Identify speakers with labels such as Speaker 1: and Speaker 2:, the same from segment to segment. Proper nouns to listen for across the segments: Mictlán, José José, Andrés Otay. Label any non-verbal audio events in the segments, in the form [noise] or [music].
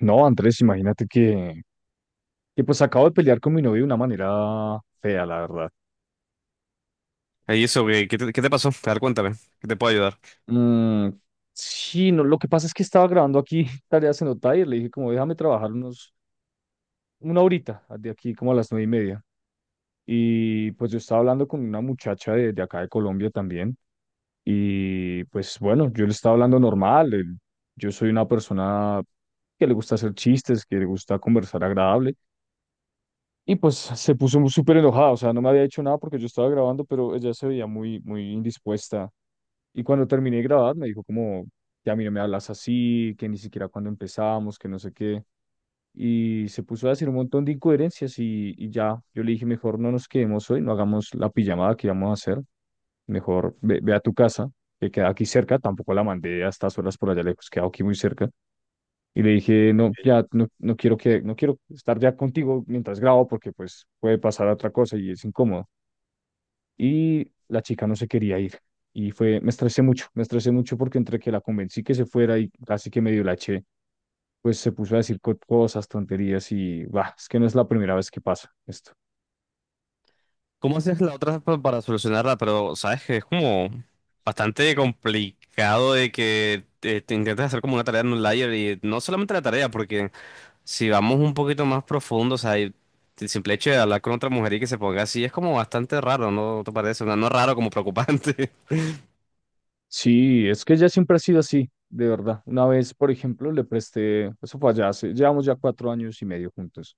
Speaker 1: No, Andrés, imagínate que acabo de pelear con mi novio de una manera fea, la verdad.
Speaker 2: ¿Y eso qué te pasó? A ver, cuéntame, ¿qué te puedo ayudar?
Speaker 1: Mm, sí, no, lo que pasa es que estaba grabando aquí [laughs] tareas en Otay y le dije como déjame trabajar una horita de aquí como a las 9:30. Y pues yo estaba hablando con una muchacha de acá de Colombia también y pues bueno, yo le estaba hablando normal. Yo soy una persona que le gusta hacer chistes, que le gusta conversar agradable. Y pues se puso súper enojada, o sea, no me había hecho nada porque yo estaba grabando, pero ella se veía muy, muy indispuesta. Y cuando terminé de grabar, me dijo como, que a mí no me hablas así, que ni siquiera cuando empezamos, que no sé qué. Y se puso a decir un montón de incoherencias y ya, yo le dije, mejor no nos quedemos hoy, no hagamos la pijamada que íbamos a hacer, mejor ve a tu casa, que queda aquí cerca, tampoco la mandé a estas horas por allá lejos, queda aquí muy cerca. Y le dije, no, ya no, no quiero no quiero estar ya contigo mientras grabo porque pues puede pasar otra cosa y es incómodo. Y la chica no se quería ir. Y fue, me estresé mucho porque entre que la convencí que se fuera y casi que medio la eché, pues se puso a decir cosas, tonterías y, bah, es que no es la primera vez que pasa esto.
Speaker 2: ¿Cómo haces la otra para solucionarla? Pero sabes que es como bastante complicado de que intentes hacer como una tarea en un layer y no solamente la tarea, porque si vamos un poquito más profundo, o sea, y el simple hecho de hablar con otra mujer y que se ponga así es como bastante raro, ¿No te parece? O sea, no raro como preocupante.
Speaker 1: Sí, es que ella siempre ha sido así, de verdad. Una vez, por ejemplo, le presté, eso fue allá, llevamos ya 4 años y medio juntos.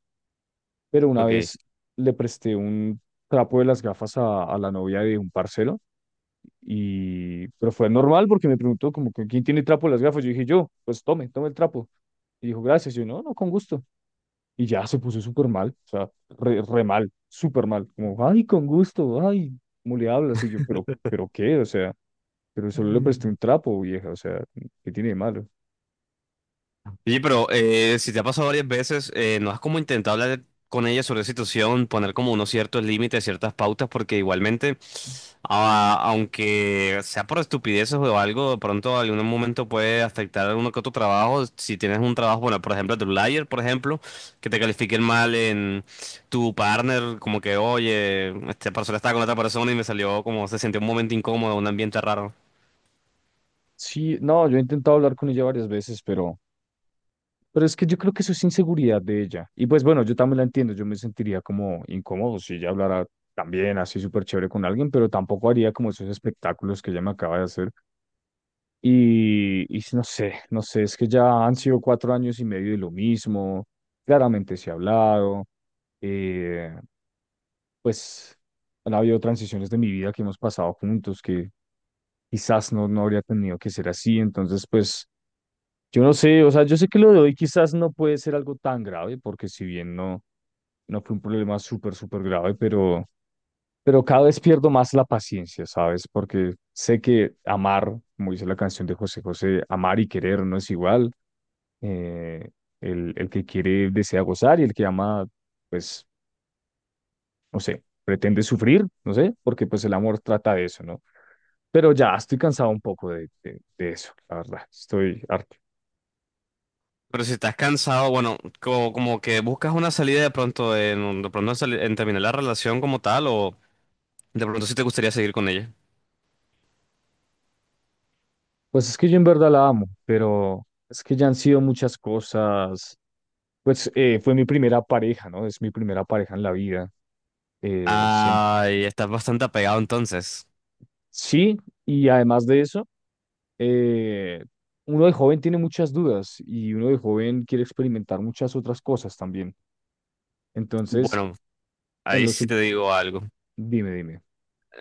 Speaker 1: Pero
Speaker 2: [laughs]
Speaker 1: una
Speaker 2: Ok.
Speaker 1: vez le presté un trapo de las gafas a la novia de un parcero y pero fue normal porque me preguntó como que quién tiene trapo de las gafas. Yo dije yo, pues tome, tome el trapo. Y dijo, gracias. Yo, no, no, con gusto. Y ya se puso súper mal, o sea, re, re mal, súper mal. Como, ay, con gusto, ay, ¿cómo le hablas? Y yo, pero qué, o sea, pero solo le presté un trapo, vieja, o sea, ¿qué tiene de malo?
Speaker 2: Oye, pero si te ha pasado varias veces, ¿no has como intentado hablar con ella sobre la situación, poner como unos ciertos límites, ciertas pautas? Porque igualmente, aunque sea por estupideces o algo, de pronto en algún momento puede afectar a alguno que otro trabajo. Si tienes un trabajo, bueno, por ejemplo, de un por ejemplo, que te califiquen mal en tu partner, como que, oye, esta persona estaba con otra persona y me salió como se sintió un momento incómodo, un ambiente raro.
Speaker 1: Sí, no, yo he intentado hablar con ella varias veces, pero es que yo creo que eso es inseguridad de ella. Y pues bueno, yo también la entiendo, yo me sentiría como incómodo si ella hablara también así súper chévere con alguien, pero tampoco haría como esos espectáculos que ella me acaba de hacer. Y no sé, no sé, es que ya han sido 4 años y medio de lo mismo, claramente se ha hablado, eh, pues han habido transiciones de mi vida que hemos pasado juntos que quizás no, no habría tenido que ser así, entonces pues... Yo no sé, o sea, yo sé que lo de hoy quizás no puede ser algo tan grave, porque si bien no, no fue un problema súper, súper grave, pero cada vez pierdo más la paciencia, ¿sabes? Porque sé que amar, como dice la canción de José José, amar y querer no es igual. Eh, el que quiere desea gozar y el que ama, pues, no sé, pretende sufrir, no sé, porque pues el amor trata de eso, ¿no? Pero ya estoy cansado un poco de eso, la verdad, estoy harto.
Speaker 2: Pero si estás cansado, bueno, como que buscas una salida de pronto en, en terminar la relación como tal, o de pronto si te gustaría seguir con ella.
Speaker 1: Pues es que yo en verdad la amo, pero es que ya han sido muchas cosas. Pues fue mi primera pareja, ¿no? Es mi primera pareja en la vida. Eh, siem-
Speaker 2: Ay, estás bastante apegado entonces.
Speaker 1: sí, y además de eso, eh, uno de joven tiene muchas dudas y uno de joven quiere experimentar muchas otras cosas también. Entonces,
Speaker 2: Bueno,
Speaker 1: en
Speaker 2: ahí
Speaker 1: los...
Speaker 2: sí te digo algo.
Speaker 1: Dime, dime.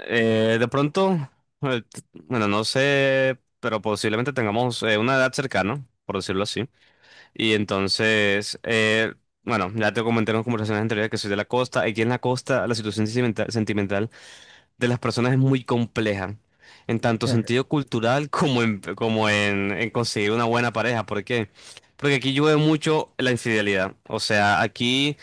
Speaker 2: De pronto, bueno, no sé, pero posiblemente tengamos una edad cercana, por decirlo así. Y entonces, bueno, ya te comenté en las conversaciones anteriores que soy de la costa. Aquí en la costa la situación sentimental, de las personas es muy compleja, en tanto sentido
Speaker 1: [laughs]
Speaker 2: cultural [laughs] en conseguir una buena pareja. ¿Por qué? Porque aquí yo veo mucho la infidelidad. O sea, aquí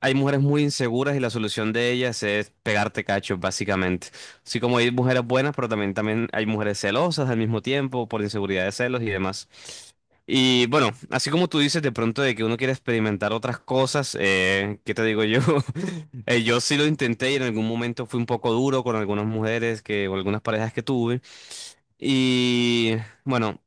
Speaker 2: hay mujeres muy inseguras y la solución de ellas es pegarte cachos, básicamente. Así como hay mujeres buenas, pero también hay mujeres celosas al mismo tiempo por inseguridad de celos y demás. Y bueno, así como tú dices de pronto de que uno quiere experimentar otras cosas, ¿qué te digo yo? [laughs] Yo sí lo intenté y en algún momento fui un poco duro con algunas mujeres que, o algunas parejas que tuve. Y bueno,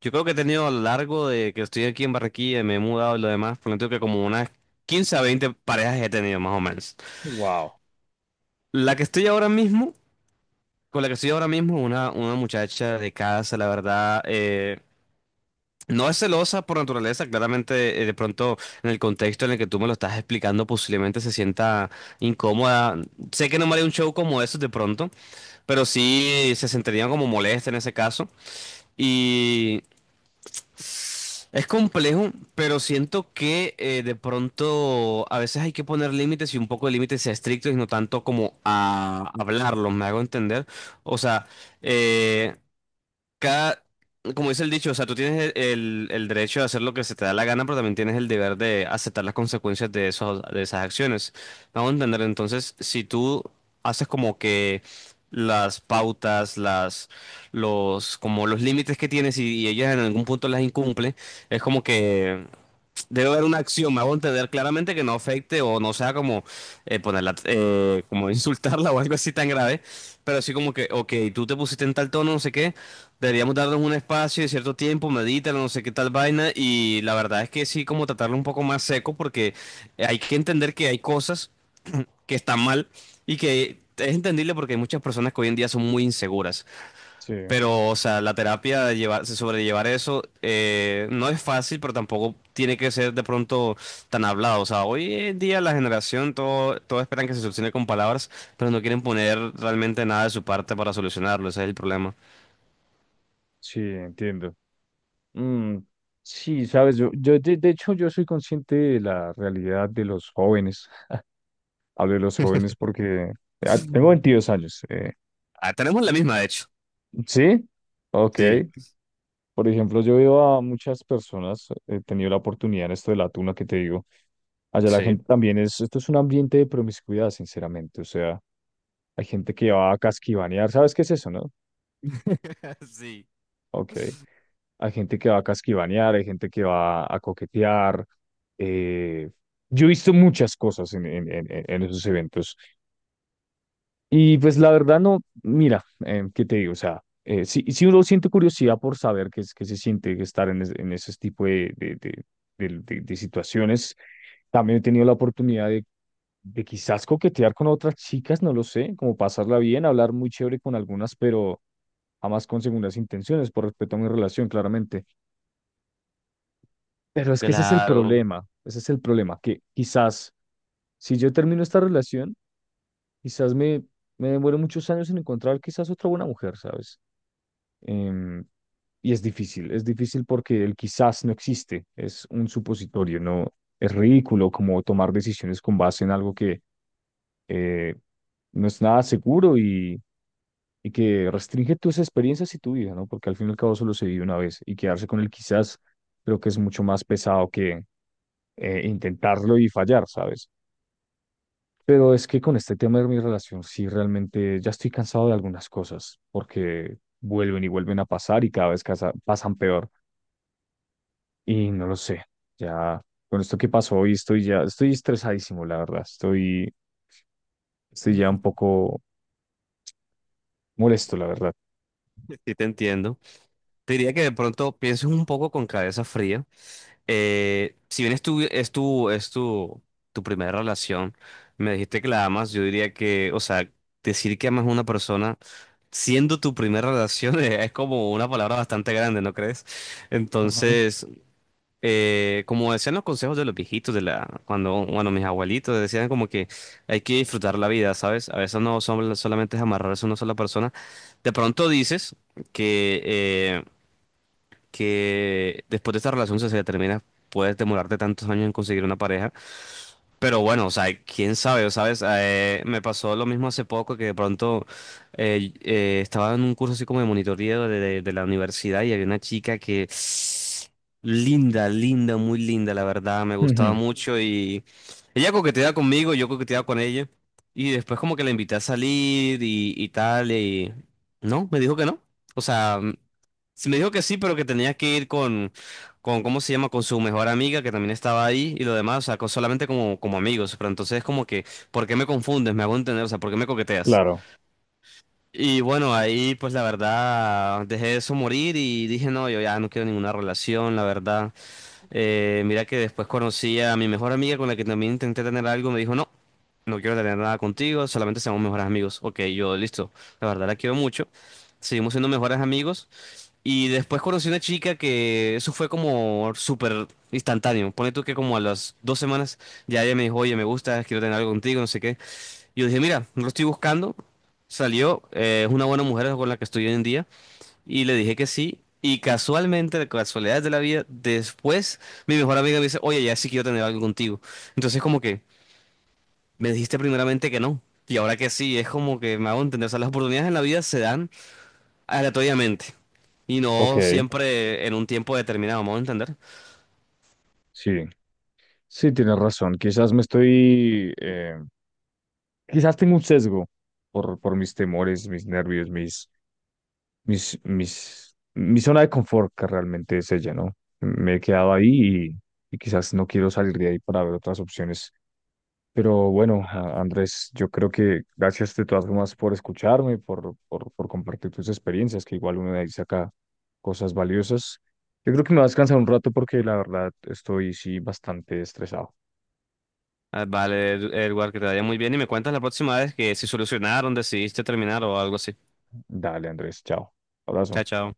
Speaker 2: yo creo que he tenido a lo largo de que estoy aquí en Barranquilla me he mudado y lo demás, por lo tanto que como una 15 a 20 parejas he tenido más o menos.
Speaker 1: Wow.
Speaker 2: La que estoy ahora mismo, Con la que estoy ahora mismo, una muchacha de casa, la verdad, no es celosa por naturaleza, claramente. De pronto en el contexto en el que tú me lo estás explicando posiblemente se sienta incómoda. Sé que no me haría un show como eso de pronto, pero sí se sentiría como molesta en ese caso. Y Es complejo, pero siento que de pronto a veces hay que poner límites y un poco de límites sea estrictos y no tanto como a hablarlos, me hago entender. O sea, eh, cada, como dice el dicho, o sea, tú tienes el derecho de hacer lo que se te da la gana, pero también tienes el deber de aceptar las consecuencias de de esas acciones. Vamos a entender, entonces, si tú haces como que las pautas, las, los, como los límites que tienes y ellas en algún punto las incumple, es como que debe haber una acción, me hago entender claramente que no afecte o no sea como como [laughs] insultarla o algo así tan grave, pero así como que, ok, tú te pusiste en tal tono, no sé qué, deberíamos darnos un espacio de cierto tiempo, medítalo, no sé qué tal vaina, y la verdad es que sí, como tratarlo un poco más seco, porque hay que entender que hay cosas que están mal y que es entendible porque hay muchas personas que hoy en día son muy inseguras.
Speaker 1: Sí,
Speaker 2: Pero, o sea, la terapia, de llevar, sobrellevar eso, no es fácil, pero tampoco tiene que ser de pronto tan hablado. O sea, hoy en día la generación, todo esperan que se solucione con palabras, pero no quieren poner realmente nada de su parte para solucionarlo. Ese es el problema.
Speaker 1: sí, entiendo. Mm, sí, sabes, yo de hecho yo soy consciente de la realidad de los jóvenes. Hablo de los jóvenes porque ah, tengo 22 años.
Speaker 2: Ah, tenemos la misma, de hecho.
Speaker 1: ¿Sí? Ok.
Speaker 2: Sí,
Speaker 1: Por ejemplo, yo veo a muchas personas, he tenido la oportunidad en esto de la tuna que te digo. Allá la
Speaker 2: sí.
Speaker 1: gente también es, esto es un ambiente de promiscuidad, sinceramente. O sea, hay gente que va a casquivanear, ¿sabes qué es eso, no?
Speaker 2: [laughs] Sí.
Speaker 1: Ok. Hay gente que va a casquivanear, hay gente que va a coquetear. eh, yo he visto muchas cosas en esos eventos. Y pues la verdad no, mira, ¿qué te digo? O sea, si, si uno siente curiosidad por saber qué, qué se siente estar en, en ese tipo de situaciones, también he tenido la oportunidad de quizás coquetear con otras chicas, no lo sé, como pasarla bien, hablar muy chévere con algunas, pero jamás con segundas intenciones, por respeto a mi relación, claramente. Pero es que ese es el
Speaker 2: Claro,
Speaker 1: problema, ese es el problema, que quizás si yo termino esta relación, quizás me, me demore muchos años en encontrar quizás otra buena mujer, ¿sabes? Em, y es difícil porque el quizás no existe, es un supositorio, no es ridículo como tomar decisiones con base en algo que eh, no es nada seguro y que restringe tus experiencias y tu vida, ¿no? Porque al fin y al cabo solo se vive una vez y quedarse con el quizás creo que es mucho más pesado que intentarlo y fallar, ¿sabes? Pero es que con este tema de mi relación sí realmente ya estoy cansado de algunas cosas porque vuelven y vuelven a pasar y cada vez pasan peor. Y no lo sé, ya con esto que pasó hoy estoy ya, estoy estresadísimo, la verdad, estoy, estoy ya un poco molesto, la verdad.
Speaker 2: sí te entiendo. Te diría que de pronto pienses un poco con cabeza fría. Si bien tu primera relación, me dijiste que la amas, yo diría que, o sea, decir que amas a una persona siendo tu primera relación [laughs] es como una palabra bastante grande, ¿no crees?
Speaker 1: Ajá.
Speaker 2: Entonces, como decían los consejos de los viejitos, bueno, mis abuelitos decían como que hay que disfrutar la vida, ¿sabes? A veces no son, solamente es amarrarse a una sola persona. De pronto dices que... eh, que después de esta relación, si se termina, puedes demorarte tantos años en conseguir una pareja, pero bueno, o sea, quién sabe, ¿sabes? Me pasó lo mismo hace poco que de pronto estaba en un curso así como de monitoreo de la universidad y había una chica que linda, linda, muy linda, la verdad, me gustaba
Speaker 1: Ujú,
Speaker 2: mucho y ella coqueteaba conmigo, yo coqueteaba con ella y después como que la invité a salir y tal y no, me dijo que no. O sea, sí me dijo que sí, pero que tenía que ir con, ¿cómo se llama? Con su mejor amiga que también estaba ahí y lo demás, o sea, solamente como, como amigos, pero entonces es como que, ¿por qué me confundes? Me hago entender, o sea, ¿por qué me coqueteas?
Speaker 1: claro,
Speaker 2: Y bueno, ahí pues la verdad dejé eso morir y dije, no, yo ya no quiero ninguna relación, la verdad. Mira que después conocí a mi mejor amiga con la que también intenté tener algo, me dijo, no, no quiero tener nada contigo, solamente seamos mejores amigos. Ok, yo listo, la verdad la quiero mucho. Seguimos siendo mejores amigos. Y después conocí una chica que eso fue como súper instantáneo. Pone tú que como a las 2 semanas ya ella me dijo, oye, me gusta, quiero tener algo contigo, no sé qué. Y yo dije, mira, no lo estoy buscando. Salió, es una buena mujer con la que estoy hoy en día. Y le dije que sí. Y casualmente, de casualidades de la vida, después mi mejor amiga me dice, oye, ya sí quiero tener algo contigo. Entonces como que me dijiste primeramente que no. Y ahora que sí, es como que me hago entender. O sea, las oportunidades en la vida se dan aleatoriamente. Y
Speaker 1: ok,
Speaker 2: no siempre en un tiempo determinado, vamos a entender.
Speaker 1: sí, sí, tienes razón, quizás me estoy, quizás tengo un sesgo por mis temores, mis nervios, mi zona de confort que realmente es ella, ¿no? Me he quedado ahí y quizás no quiero salir de ahí para ver otras opciones. Pero bueno, Andrés, yo creo que gracias de todas formas por escucharme, por compartir tus experiencias, que igual uno de ahí saca cosas valiosas. Yo creo que me va a descansar un rato porque la verdad estoy sí bastante estresado.
Speaker 2: Ah, vale, Edward, que te vaya muy bien y me cuentas la próxima vez que si solucionaron, decidiste terminar o algo así.
Speaker 1: Dale, Andrés, chao.
Speaker 2: Chao,
Speaker 1: Abrazo.
Speaker 2: chao.